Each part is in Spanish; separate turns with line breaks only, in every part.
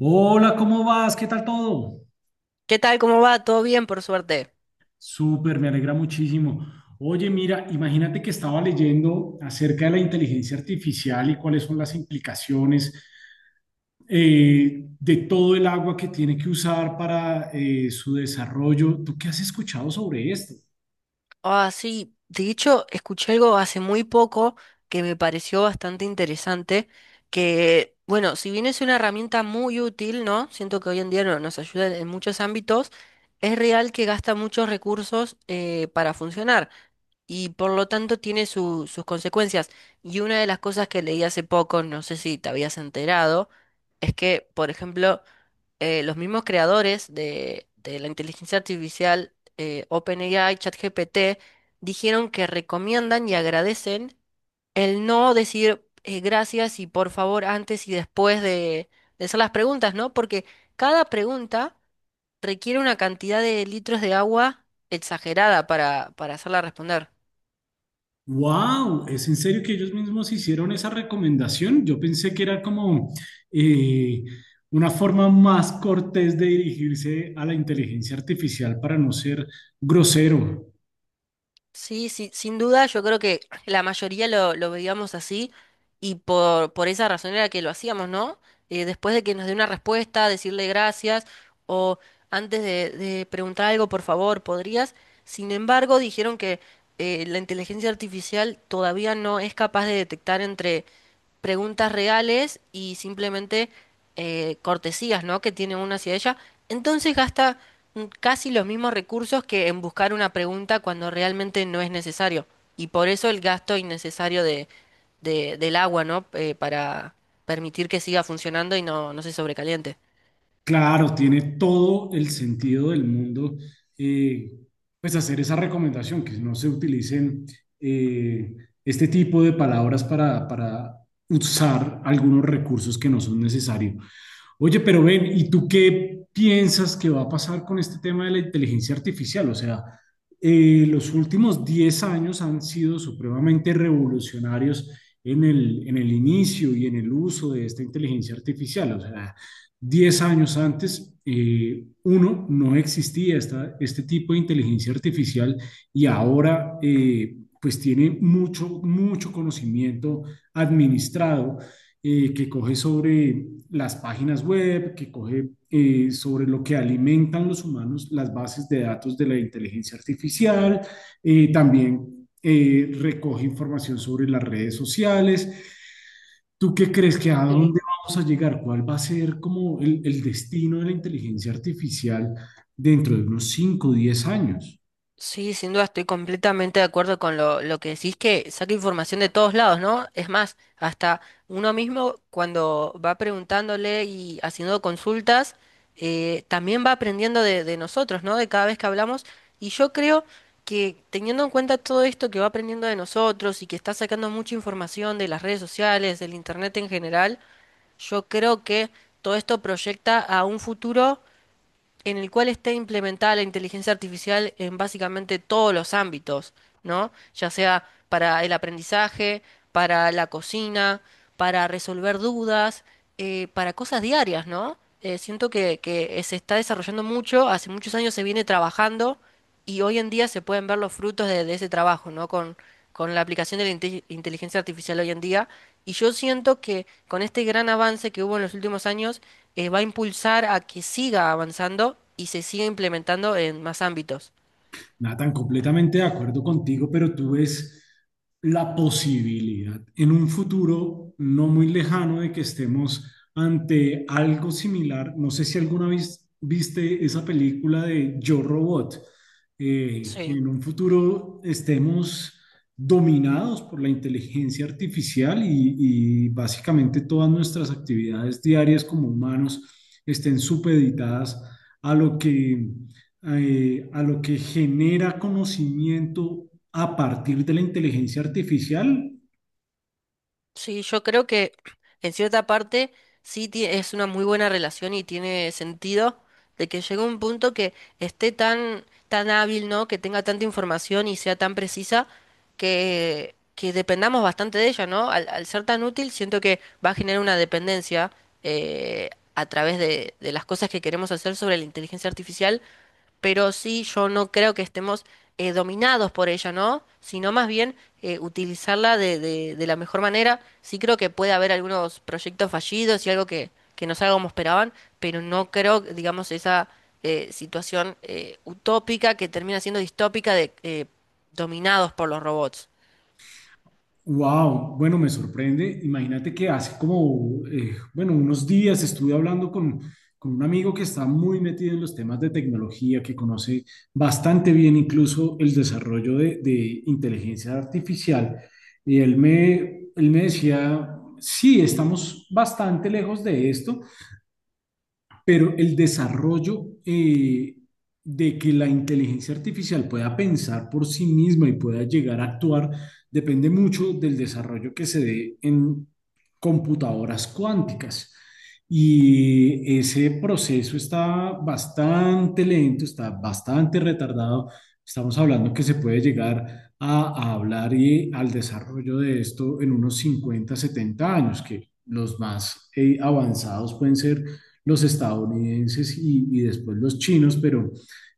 Hola, ¿cómo vas? ¿Qué tal todo?
¿Qué tal? ¿Cómo va? ¿Todo bien, por suerte?
Súper, me alegra muchísimo. Oye, mira, imagínate que estaba leyendo acerca de la inteligencia artificial y cuáles son las implicaciones de todo el agua que tiene que usar para su desarrollo. ¿Tú qué has escuchado sobre esto?
Ah, sí. De hecho, escuché algo hace muy poco que me pareció bastante interesante, que, bueno, si bien es una herramienta muy útil, ¿no? Siento que hoy en día nos ayuda en muchos ámbitos, es real que gasta muchos recursos para funcionar y por lo tanto tiene sus consecuencias. Y una de las cosas que leí hace poco, no sé si te habías enterado, es que, por ejemplo, los mismos creadores de la inteligencia artificial, OpenAI, ChatGPT, dijeron que recomiendan y agradecen el no decir gracias y por favor antes y después de hacer las preguntas, ¿no? Porque cada pregunta requiere una cantidad de litros de agua exagerada para hacerla responder.
Wow, ¿es en serio que ellos mismos hicieron esa recomendación? Yo pensé que era como eh, una forma más cortés de dirigirse a la inteligencia artificial para no ser grosero.
Sí, sí, sin duda, yo creo que la mayoría lo veíamos así y por esa razón era que lo hacíamos, ¿no? Después de que nos dé una respuesta, decirle gracias o antes de preguntar algo, por favor, ¿podrías? Sin embargo, dijeron que la inteligencia artificial todavía no es capaz de detectar entre preguntas reales y simplemente cortesías, ¿no? que tiene uno hacia ella. Entonces gasta casi los mismos recursos que en buscar una pregunta cuando realmente no es necesario. Y por eso el gasto innecesario del agua, ¿no? Para permitir que siga funcionando y no, no se sobrecaliente.
Claro, tiene todo el sentido del mundo eh, pues hacer esa recomendación, que no se utilicen eh, este tipo de palabras para usar algunos recursos que no son necesarios. Oye, pero ven, ¿y tú qué piensas que va a pasar con este tema de la inteligencia artificial? O sea, los últimos 10 años han sido supremamente revolucionarios en el inicio y en el uso de esta inteligencia artificial. O sea, 10 años antes, uno, no existía este tipo de inteligencia artificial y ahora, pues tiene mucho, mucho conocimiento administrado que coge sobre las páginas web, que coge sobre lo que alimentan los humanos, las bases de datos de la inteligencia artificial, también recoge información sobre las redes sociales. ¿Tú qué crees que a
Sí.
dónde vamos a llegar? ¿Cuál va a ser como el destino de la inteligencia artificial dentro de unos 5 o 10 años?
Sí, sin duda estoy completamente de acuerdo con lo que decís, que saca información de todos lados, ¿no? Es más, hasta uno mismo cuando va preguntándole y haciendo consultas, también va aprendiendo de nosotros, ¿no? De cada vez que hablamos. Y yo creo que teniendo en cuenta todo esto que va aprendiendo de nosotros y que está sacando mucha información de las redes sociales, del internet en general, yo creo que todo esto proyecta a un futuro en el cual esté implementada la inteligencia artificial en básicamente todos los ámbitos, ¿no? Ya sea para el aprendizaje, para la cocina, para resolver dudas, para cosas diarias, ¿no? Siento que se está desarrollando mucho, hace muchos años se viene trabajando y hoy en día se pueden ver los frutos de ese trabajo, ¿no? Con la aplicación de la inteligencia artificial hoy en día. Y yo siento que con este gran avance que hubo en los últimos años, va a impulsar a que siga avanzando y se siga implementando en más ámbitos.
Nathan, completamente de acuerdo contigo, pero tú ves la posibilidad en un futuro no muy lejano de que estemos ante algo similar. No sé si alguna vez viste esa película de Yo Robot, que
Sí.
en un futuro estemos dominados por la inteligencia artificial y básicamente todas nuestras actividades diarias como humanos estén supeditadas a lo que a lo que genera conocimiento a partir de la inteligencia artificial,
Sí, yo creo que en cierta parte es una muy buena relación y tiene sentido de que llegue un punto que esté tan, tan hábil, ¿no? Que tenga tanta información y sea tan precisa que dependamos bastante de ella, ¿no? Al ser tan útil, siento que va a generar una dependencia eh, a través de las cosas que queremos hacer sobre la inteligencia artificial pero sí yo no creo que estemos dominados por ella, ¿no? Sino más bien utilizarla de la mejor manera. Sí creo que puede haber algunos proyectos fallidos y algo que no salga como esperaban, pero no creo, digamos, esa situación utópica que termina siendo distópica de dominados por los robots.
wow, bueno, me sorprende. Imagínate que hace como, bueno, unos días estuve hablando con un amigo que está muy metido en los temas de tecnología, que conoce bastante bien incluso el desarrollo de inteligencia artificial. Y él me decía, sí, estamos bastante lejos de esto. Pero el desarrollo de que la inteligencia artificial pueda pensar por sí misma y pueda llegar a actuar depende mucho del desarrollo que se dé en computadoras cuánticas. Y ese proceso está bastante lento, está bastante retardado. Estamos hablando que se puede llegar a hablar y al desarrollo de esto en unos 50 70 años, que los más avanzados pueden ser los estadounidenses y después los chinos, pero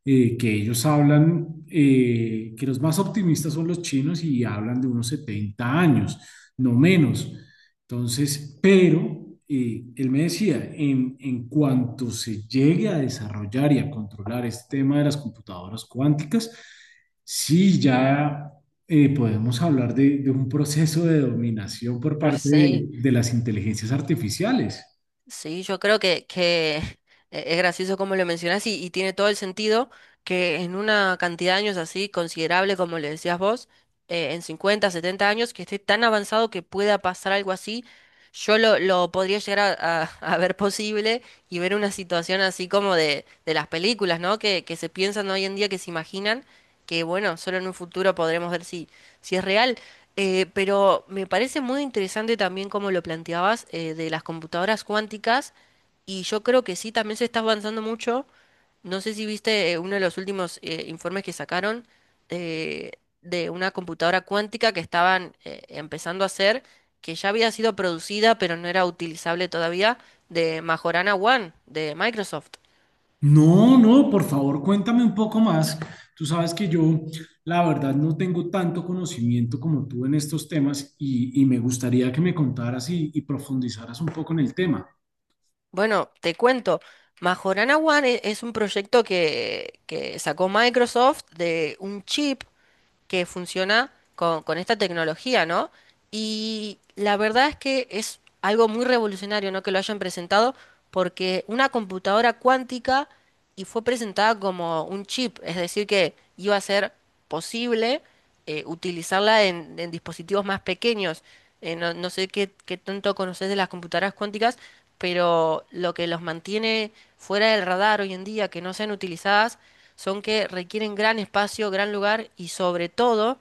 que ellos hablan, que los más optimistas son los chinos y hablan de unos 70 años, no menos. Entonces, pero él me decía, en cuanto se llegue a desarrollar y a controlar este tema de las computadoras cuánticas, sí ya podemos hablar de un proceso de dominación por
No
parte
sé.
de las inteligencias artificiales.
Sí, yo creo que es gracioso como lo mencionás y tiene todo el sentido que en una cantidad de años así considerable, como le decías vos, en 50, 70 años, que esté tan avanzado que pueda pasar algo así, yo lo podría llegar a, a ver posible y ver una situación así como de las películas, ¿no? Que se piensan hoy en día, que se imaginan, que bueno, solo en un futuro podremos ver si, si es real. Pero me parece muy interesante también como lo planteabas de las computadoras cuánticas y yo creo que sí, también se está avanzando mucho. No sé si viste uno de los últimos informes que sacaron eh, de una computadora cuántica que estaban empezando a hacer, que ya había sido producida pero no era utilizable todavía, de Majorana One de Microsoft.
No, no, por favor, cuéntame un poco más. Tú sabes que yo, la verdad, no tengo tanto conocimiento como tú en estos temas y me gustaría que me contaras y profundizaras un poco en el tema.
Bueno, te cuento, Majorana One es un proyecto que sacó Microsoft de un chip que funciona con esta tecnología, ¿no? Y la verdad es que es algo muy revolucionario, ¿no? Que lo hayan presentado porque una computadora cuántica y fue presentada como un chip, es decir, que iba a ser posible utilizarla en dispositivos más pequeños. No, no sé qué, qué tanto conoces de las computadoras cuánticas, pero lo que los mantiene fuera del radar hoy en día, que no sean utilizadas, son que requieren gran espacio, gran lugar y sobre todo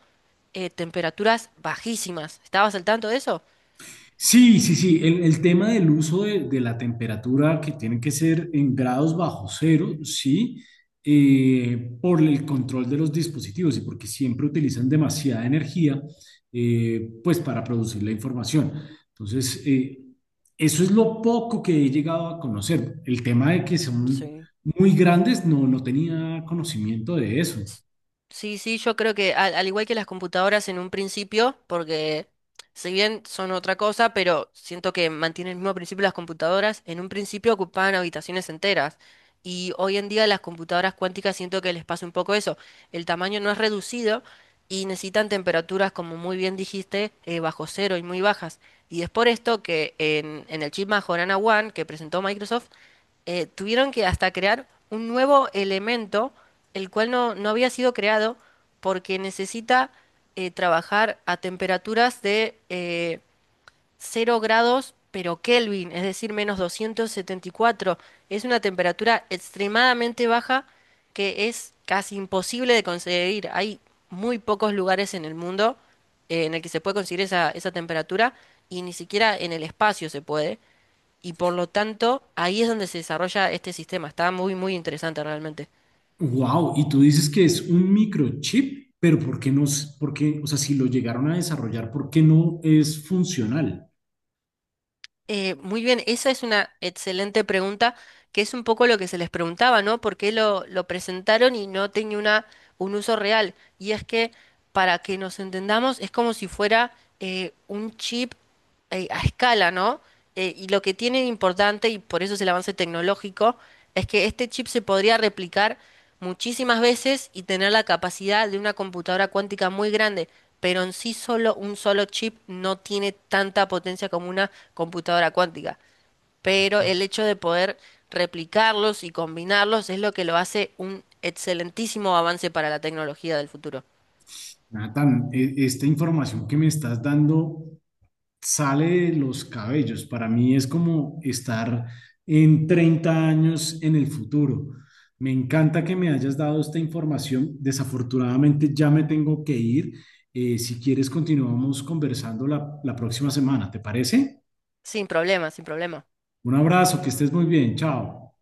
temperaturas bajísimas. ¿Estabas al tanto de eso?
Sí, sí, sí. El tema del uso de la temperatura que tiene que ser en grados bajo cero, sí, por el control de los dispositivos y porque siempre utilizan demasiada energía, pues para producir la información. Entonces, eso es lo poco que he llegado a conocer. El tema de que son
Sí.
muy grandes, no, no tenía conocimiento de eso.
Sí, sí, yo creo que al igual que las computadoras en un principio, porque si bien son otra cosa, pero siento que mantienen el mismo principio las computadoras, en un principio ocupaban habitaciones enteras. Y hoy en día las computadoras cuánticas siento que les pasa un poco eso. El tamaño no es reducido y necesitan temperaturas, como muy bien dijiste, bajo cero y muy bajas. Y es por esto que en el chip Majorana One que presentó Microsoft, tuvieron que hasta crear un nuevo elemento, el cual no, no había sido creado porque necesita trabajar a temperaturas de 0 grados, pero Kelvin, es decir, menos 274. Es una temperatura extremadamente baja que es casi imposible de conseguir. Hay muy pocos lugares en el mundo en el que se puede conseguir esa temperatura y ni siquiera en el espacio se puede y por lo tanto ahí es donde se desarrolla este sistema. Está muy, muy interesante realmente.
Wow, y tú dices que es un microchip, pero ¿por qué no? ¿Por qué? O sea, si lo llegaron a desarrollar, ¿por qué no es funcional?
Muy bien, esa es una excelente pregunta, que es un poco lo que se les preguntaba, ¿no? ¿Por qué lo presentaron y no tenía una, un uso real? Y es que, para que nos entendamos, es como si fuera un chip a escala, ¿no? Y lo que tiene de importante, y por eso es el avance tecnológico, es que este chip se podría replicar muchísimas veces y tener la capacidad de una computadora cuántica muy grande, pero en sí solo un solo chip no tiene tanta potencia como una computadora cuántica. Pero el hecho de poder replicarlos y combinarlos es lo que lo hace un excelentísimo avance para la tecnología del futuro.
Nathan, esta información que me estás dando sale de los cabellos. Para mí es como estar en 30 años en el futuro. Me encanta que me hayas dado esta información. Desafortunadamente ya me tengo que ir. Si quieres, continuamos conversando la próxima semana, ¿te parece?
Sin problema, sin problema.
Un abrazo, que estés muy bien. Chao.